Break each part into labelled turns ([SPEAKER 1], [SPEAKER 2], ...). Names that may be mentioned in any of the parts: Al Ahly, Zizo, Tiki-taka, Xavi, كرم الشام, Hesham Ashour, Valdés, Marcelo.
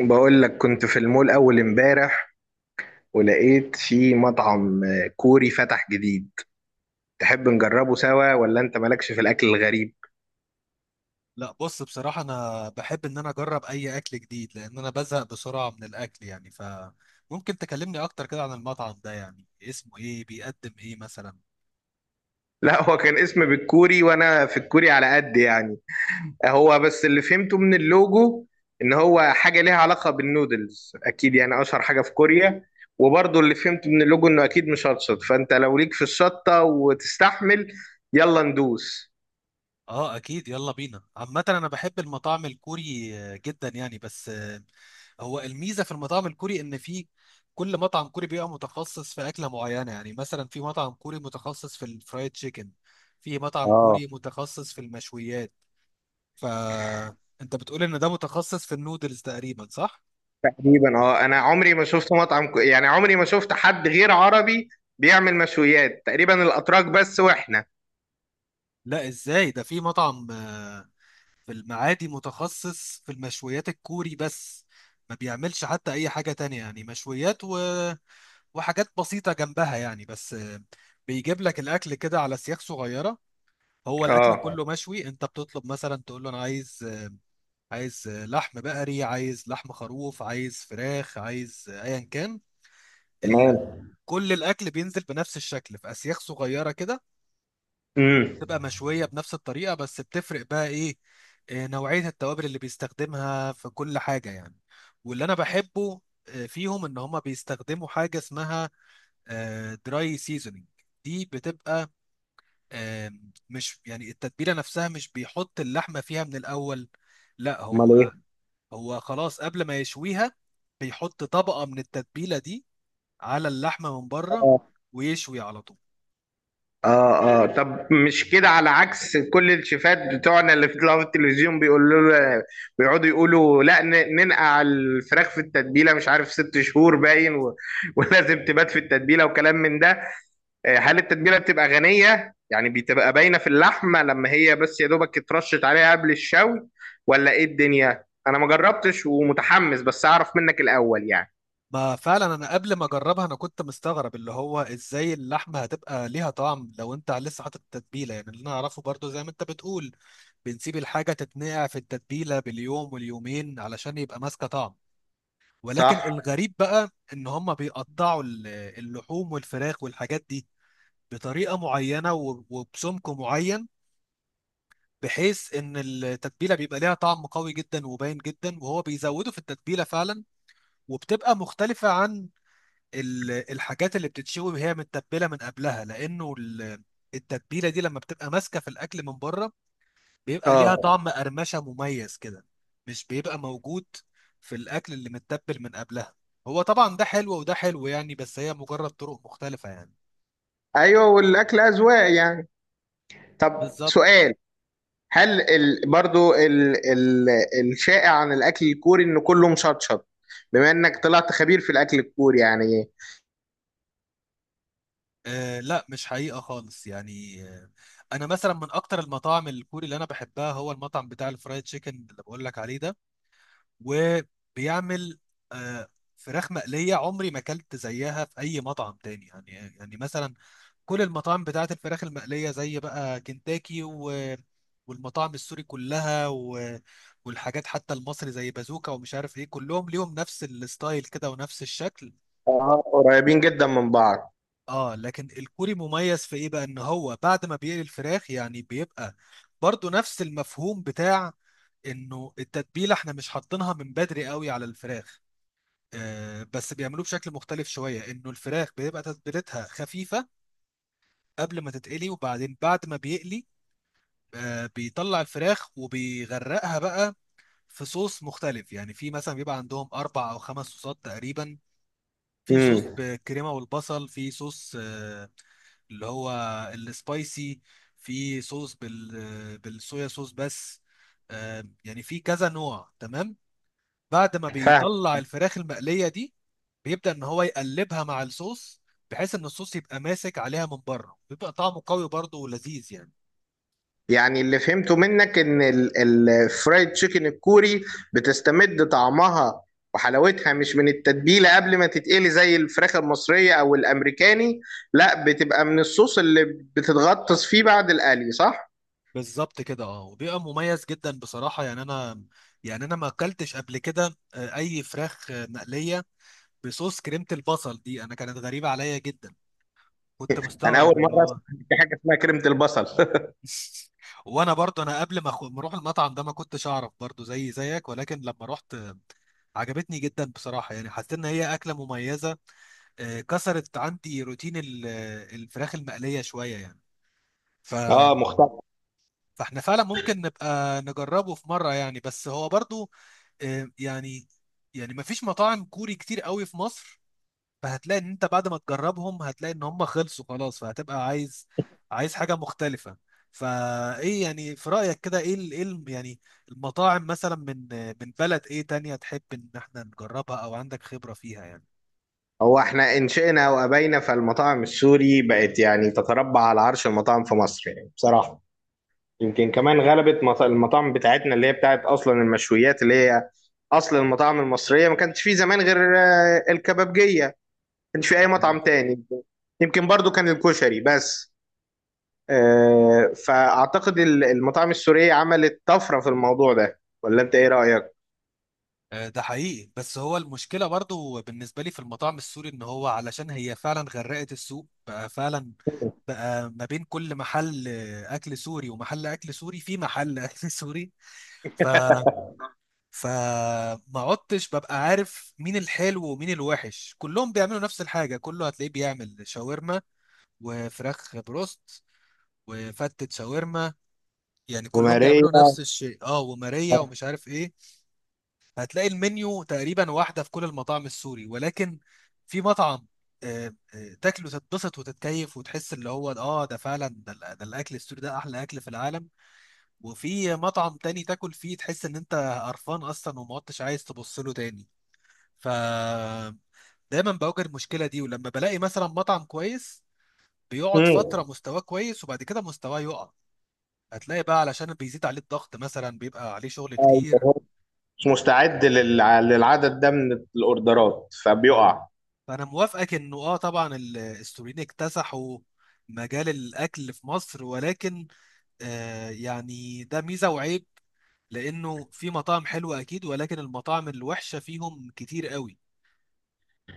[SPEAKER 1] بقول لك كنت في المول أول امبارح، ولقيت في مطعم كوري فتح جديد. تحب نجربه سوا ولا أنت مالكش في الأكل الغريب؟
[SPEAKER 2] لا بص، بصراحة أنا بحب إن أنا أجرب أي أكل جديد لأن أنا بزهق بسرعة من الأكل، يعني فممكن تكلمني أكتر كده عن المطعم ده، يعني اسمه إيه، بيقدم إيه مثلا.
[SPEAKER 1] لا، هو كان اسم بالكوري وأنا في الكوري على قد يعني. هو بس اللي فهمته من اللوجو إن هو حاجة ليها علاقة بالنودلز أكيد، يعني أشهر حاجة في كوريا. وبرضه اللي فهمته من اللوجو إنه أكيد مشطشط، فأنت لو ليك في الشطة وتستحمل، يلا ندوس.
[SPEAKER 2] آه أكيد، يلا بينا. عامة أنا بحب المطاعم الكوري جدا يعني، بس هو الميزة في المطاعم الكوري إن في كل مطعم كوري بيبقى متخصص في أكلة معينة، يعني مثلا في مطعم كوري متخصص في الفرايد تشيكن، في مطعم
[SPEAKER 1] اه،
[SPEAKER 2] كوري متخصص في المشويات. فأنت بتقول إن ده متخصص في النودلز تقريبا، صح؟
[SPEAKER 1] تقريبا. اه، انا عمري ما شفت يعني عمري ما شفت حد غير عربي بيعمل مشويات تقريبا، الاتراك بس، واحنا.
[SPEAKER 2] لا ازاي، ده في مطعم في المعادي متخصص في المشويات الكوري بس، ما بيعملش حتى اي حاجة تانية، يعني مشويات وحاجات بسيطة جنبها يعني، بس بيجيب لك الاكل كده على سياخ صغيرة. هو الاكل
[SPEAKER 1] اه.
[SPEAKER 2] كله مشوي، انت بتطلب مثلا تقول له انا عايز عايز لحم بقري، عايز لحم خروف، عايز فراخ، عايز ايا كان ال...
[SPEAKER 1] تمام.
[SPEAKER 2] كل الاكل بينزل بنفس الشكل في اسياخ صغيرة كده،
[SPEAKER 1] امم.
[SPEAKER 2] تبقى مشوية بنفس الطريقة، بس بتفرق بقى ايه، نوعية التوابل اللي بيستخدمها في كل حاجة يعني. واللي انا بحبه فيهم ان هما بيستخدموا حاجة اسمها دراي سيزونينج، دي بتبقى آه، مش يعني التتبيلة نفسها، مش بيحط اللحمة فيها من الاول، لا
[SPEAKER 1] امال
[SPEAKER 2] هو
[SPEAKER 1] ايه.
[SPEAKER 2] هو خلاص قبل ما يشويها بيحط طبقة من التتبيلة دي على اللحمة من بره،
[SPEAKER 1] اه.
[SPEAKER 2] ويشوي على طول.
[SPEAKER 1] اه. آه. طب مش كده على عكس كل الشيفات بتوعنا اللي في طلعوا في التلفزيون؟ بيقولوا له، بيقعدوا يقولوا لا ننقع الفراخ في التتبيله مش عارف 6 شهور باين و... ولازم تبات في التتبيله وكلام من ده. هل التتبيله بتبقى غنيه، يعني بتبقى باينه في اللحمه، لما هي بس يا دوبك اترشت عليها قبل الشوي، ولا ايه الدنيا؟ انا ما جربتش ومتحمس، بس اعرف منك الاول يعني.
[SPEAKER 2] ما فعلا انا قبل ما اجربها انا كنت مستغرب اللي هو ازاي اللحمه هتبقى ليها طعم لو انت لسه حاطط التتبيله، يعني اللي انا اعرفه برضو زي ما انت بتقول، بنسيب الحاجه تتنقع في التتبيله باليوم واليومين علشان يبقى ماسكه طعم. ولكن
[SPEAKER 1] صح.
[SPEAKER 2] الغريب بقى ان هم بيقطعوا اللحوم والفراخ والحاجات دي بطريقه معينه وبسمك معين، بحيث ان التتبيله بيبقى ليها طعم قوي جدا وباين جدا، وهو بيزودوا في التتبيله فعلا. وبتبقى مختلفه عن الحاجات اللي بتتشوي وهي متبله من قبلها، لانه التتبيله دي لما بتبقى ماسكه في الاكل من بره بيبقى ليها
[SPEAKER 1] اه.
[SPEAKER 2] طعم قرمشه مميز كده، مش بيبقى موجود في الاكل اللي متبل من قبلها. هو طبعا ده حلو وده حلو يعني، بس هي مجرد طرق مختلفه يعني.
[SPEAKER 1] ايوه، والاكل اذواق يعني. طب
[SPEAKER 2] بالظبط.
[SPEAKER 1] سؤال. هل برضو الشائع عن الاكل الكوري انه كله مشطشط، بما انك طلعت خبير في الاكل الكوري يعني؟
[SPEAKER 2] آه لا مش حقيقه خالص يعني، آه انا مثلا من اكتر المطاعم الكوري اللي انا بحبها هو المطعم بتاع الفرايد تشيكن اللي بقول لك عليه ده. وبيعمل آه، فراخ مقلية عمري ما اكلت زيها في اي مطعم تاني، يعني يعني مثلا كل المطاعم بتاعت الفراخ المقلية زي بقى كنتاكي والمطاعم السوري كلها والحاجات حتى المصري زي بازوكا ومش عارف ايه، كلهم ليهم نفس الستايل كده ونفس الشكل.
[SPEAKER 1] قريبين جدا من بعض.
[SPEAKER 2] اه لكن الكوري مميز في ايه بقى، ان هو بعد ما بيقلي الفراخ يعني بيبقى برضو نفس المفهوم بتاع انه التتبيله احنا مش حاطينها من بدري قوي على الفراخ، بس بيعملوه بشكل مختلف شوية، إنه الفراخ بيبقى تتبيلتها خفيفة قبل ما تتقلي، وبعدين بعد ما بيقلي بيطلع الفراخ وبيغرقها بقى في صوص مختلف، يعني في مثلا بيبقى عندهم أربع أو خمس صوصات تقريبا. في صوص
[SPEAKER 1] امم.
[SPEAKER 2] بالكريمة والبصل، في صوص اللي هو السبايسي، في صوص بالصويا صوص بس، يعني في كذا نوع. تمام، بعد ما بيطلع الفراخ المقلية دي بيبدأ إن هو يقلبها مع الصوص، بحيث إن الصوص يبقى ماسك عليها من بره، بيبقى طعمه قوي برضه ولذيذ يعني.
[SPEAKER 1] يعني اللي فهمته منك ان الفرايد تشيكن الكوري بتستمد طعمها وحلاوتها مش من التتبيلة قبل ما تتقلي، زي الفراخ المصرية او الامريكاني، لا، بتبقى من الصوص اللي بتتغطس فيه بعد القلي، صح؟
[SPEAKER 2] بالظبط كده، اه وبيبقى مميز جدا بصراحة. يعني أنا، يعني أنا ما أكلتش قبل كده أي فراخ مقلية بصوص كريمة البصل دي، أنا كانت غريبة عليا جدا، كنت
[SPEAKER 1] انا اول
[SPEAKER 2] مستغرب اللي
[SPEAKER 1] مرة
[SPEAKER 2] هو
[SPEAKER 1] اسمع إن في حاجة اسمها كريمة البصل.
[SPEAKER 2] وانا برضو انا قبل ما ما اروح المطعم ده ما كنتش اعرف برضو زي زيك، ولكن لما رحت عجبتني جدا بصراحة، يعني حسيت ان هي اكلة مميزة، كسرت عندي روتين الفراخ المقلية شوية يعني. ف...
[SPEAKER 1] اه، مختلف.
[SPEAKER 2] فاحنا فعلا ممكن نبقى نجربه في مرة يعني، بس هو برضو آه، يعني يعني ما فيش مطاعم كوري كتير قوي في مصر، فهتلاقي ان انت بعد ما تجربهم هتلاقي ان هم خلصوا خلاص، فهتبقى عايز عايز حاجة مختلفة. فايه يعني في رأيك كده، ايه ايه يعني المطاعم مثلا من من بلد ايه تانية تحب ان احنا نجربها او عندك خبرة فيها؟
[SPEAKER 1] هو احنا انشئنا وابينا فالمطاعم السوري بقت يعني تتربع على عرش المطاعم في مصر يعني بصراحة. يمكن كمان غلبت المطاعم بتاعتنا اللي هي بتاعت اصلا المشويات، اللي هي اصل المطاعم المصريه. ما كانش في زمان غير الكبابجيه، ما كانش في اي مطعم
[SPEAKER 2] يعني
[SPEAKER 1] تاني، يمكن برضو كان الكشري بس. فاعتقد المطاعم السوريه عملت طفره في الموضوع ده، ولا انت ايه رايك؟
[SPEAKER 2] ده حقيقي، بس هو المشكلة برضو بالنسبة لي في المطاعم السوري ان هو علشان هي فعلا غرقت السوق بقى فعلا، بقى ما بين كل محل اكل سوري ومحل اكل سوري في محل اكل سوري. ف فما عدتش ببقى عارف مين الحلو ومين الوحش، كلهم بيعملوا نفس الحاجة. كله هتلاقيه بيعمل شاورما وفراخ بروست وفتة شاورما، يعني كلهم
[SPEAKER 1] وماريا.
[SPEAKER 2] بيعملوا نفس الشيء، اه وماريا ومش عارف ايه. هتلاقي المنيو تقريبا واحدة في كل المطاعم السوري، ولكن في مطعم تاكله تتبسط وتتكيف وتحس اللي هو اه ده فعلا ده, ده الاكل السوري، ده احلى اكل في العالم. وفي مطعم تاني تاكل فيه تحس ان انت قرفان اصلا وما عدتش عايز تبص له تاني. ف دايما بواجه المشكلة دي، ولما بلاقي مثلا مطعم كويس بيقعد فترة
[SPEAKER 1] مم.
[SPEAKER 2] مستواه كويس وبعد كده مستواه يقع، هتلاقي بقى علشان بيزيد عليه الضغط مثلا بيبقى عليه شغل كتير.
[SPEAKER 1] أيوة. مش مستعد للعدد ده من الاوردرات
[SPEAKER 2] اه،
[SPEAKER 1] فبيقع.
[SPEAKER 2] فانا موافقك انه اه طبعا السوريين اكتسحوا مجال الاكل في مصر، ولكن آه يعني ده ميزه وعيب، لانه في مطاعم حلوه اكيد، ولكن المطاعم الوحشه فيهم كتير قوي.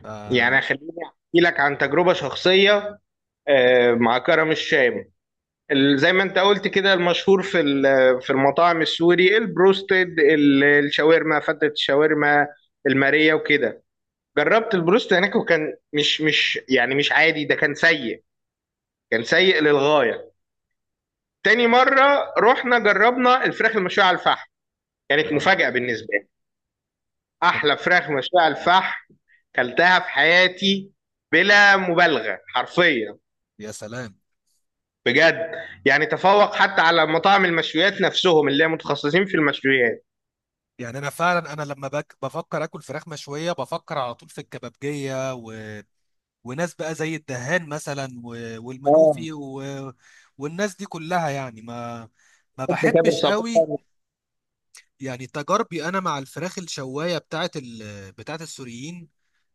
[SPEAKER 2] ف اه
[SPEAKER 1] يعني خليني احكي لك عن تجربه شخصيه مع كرم الشام. زي ما انت قلت كده المشهور في في المطاعم السوري البروستد، الشاورما، فتة الشاورما، المارية، وكده. جربت البروست هناك وكان مش يعني مش عادي، ده كان سيء، كان سيء للغاية. تاني مرة رحنا جربنا الفراخ المشوية على الفحم، كانت مفاجأة بالنسبة لي،
[SPEAKER 2] كان-
[SPEAKER 1] أحلى فراخ مشوية على الفحم كلتها في حياتي، بلا مبالغة، حرفيا،
[SPEAKER 2] يا سلام.
[SPEAKER 1] بجد. يعني تفوق حتى على مطاعم المشويات نفسهم اللي هي متخصصين في المشويات.
[SPEAKER 2] يعني انا فعلا انا لما بفكر اكل فراخ مشويه بفكر على طول في الكبابجيه وناس بقى زي الدهان مثلا والمنوفي والناس دي كلها يعني ما، ما
[SPEAKER 1] حب جابر.
[SPEAKER 2] بحبش قوي.
[SPEAKER 1] صابون.
[SPEAKER 2] يعني تجاربي انا مع الفراخ الشوايه بتاعت بتاعت السوريين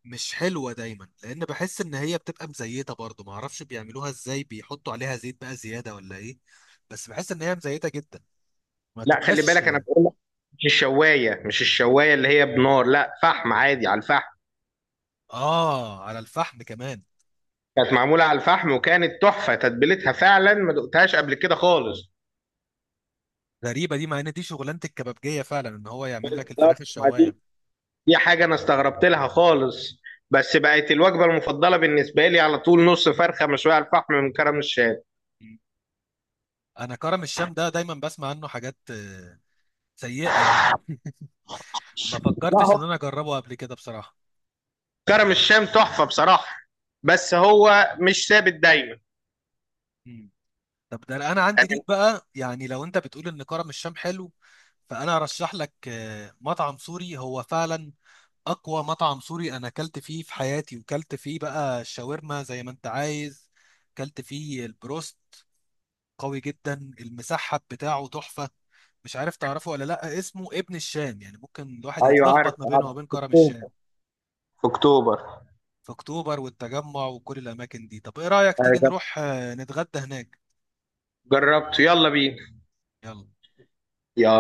[SPEAKER 2] مش حلوه دايما، لان بحس ان هي بتبقى مزيته، برضو ما اعرفش بيعملوها ازاي، بيحطوا عليها زيت بقى زياده ولا ايه، بس بحس ان هي مزيته جدا، ما
[SPEAKER 1] لا، خلي
[SPEAKER 2] تبقاش.
[SPEAKER 1] بالك انا بقول لك، مش الشوايه، مش الشوايه اللي هي بنار، لا، فحم عادي، على الفحم.
[SPEAKER 2] اه على الفحم كمان.
[SPEAKER 1] كانت معموله على الفحم وكانت تحفه، تتبيلتها فعلا ما دقتهاش قبل كده خالص.
[SPEAKER 2] غريبه دي، مع ان دي شغلانه الكبابجيه فعلا ان هو يعمل لك الفراخ
[SPEAKER 1] بالظبط، ما
[SPEAKER 2] الشوايه.
[SPEAKER 1] دي، دي حاجه انا استغربت لها خالص. بس بقت الوجبه المفضله بالنسبه لي على طول، نص فرخه مشويه على الفحم من كرم الشام.
[SPEAKER 2] م. انا كرم الشام ده دايما بسمع عنه حاجات سيئه يعني، ما
[SPEAKER 1] لا، هو
[SPEAKER 2] فكرتش ان انا اجربه قبل كده بصراحه.
[SPEAKER 1] كرم الشام تحفه بصراحه، بس هو مش ثابت دايما.
[SPEAKER 2] م. طب ده انا عندي ليك
[SPEAKER 1] يعني
[SPEAKER 2] بقى، يعني لو انت بتقول ان كرم الشام حلو، فانا ارشح لك مطعم سوري هو فعلا اقوى مطعم سوري انا اكلت فيه في حياتي، وكلت فيه بقى الشاورما زي ما انت عايز، كلت فيه البروست. قوي جدا، المسحب بتاعه تحفة. مش عارف تعرفه ولا لا، اسمه ابن الشام، يعني ممكن الواحد
[SPEAKER 1] ايوه، عارف
[SPEAKER 2] يتلخبط ما بينه
[SPEAKER 1] عارف،
[SPEAKER 2] وبين
[SPEAKER 1] في
[SPEAKER 2] كرم
[SPEAKER 1] اكتوبر،
[SPEAKER 2] الشام.
[SPEAKER 1] في اكتوبر.
[SPEAKER 2] في اكتوبر والتجمع وكل الاماكن دي. طب ايه رايك تيجي
[SPEAKER 1] آه،
[SPEAKER 2] نروح نتغدى هناك؟
[SPEAKER 1] جربته، يلا بينا.
[SPEAKER 2] يلا.
[SPEAKER 1] يلا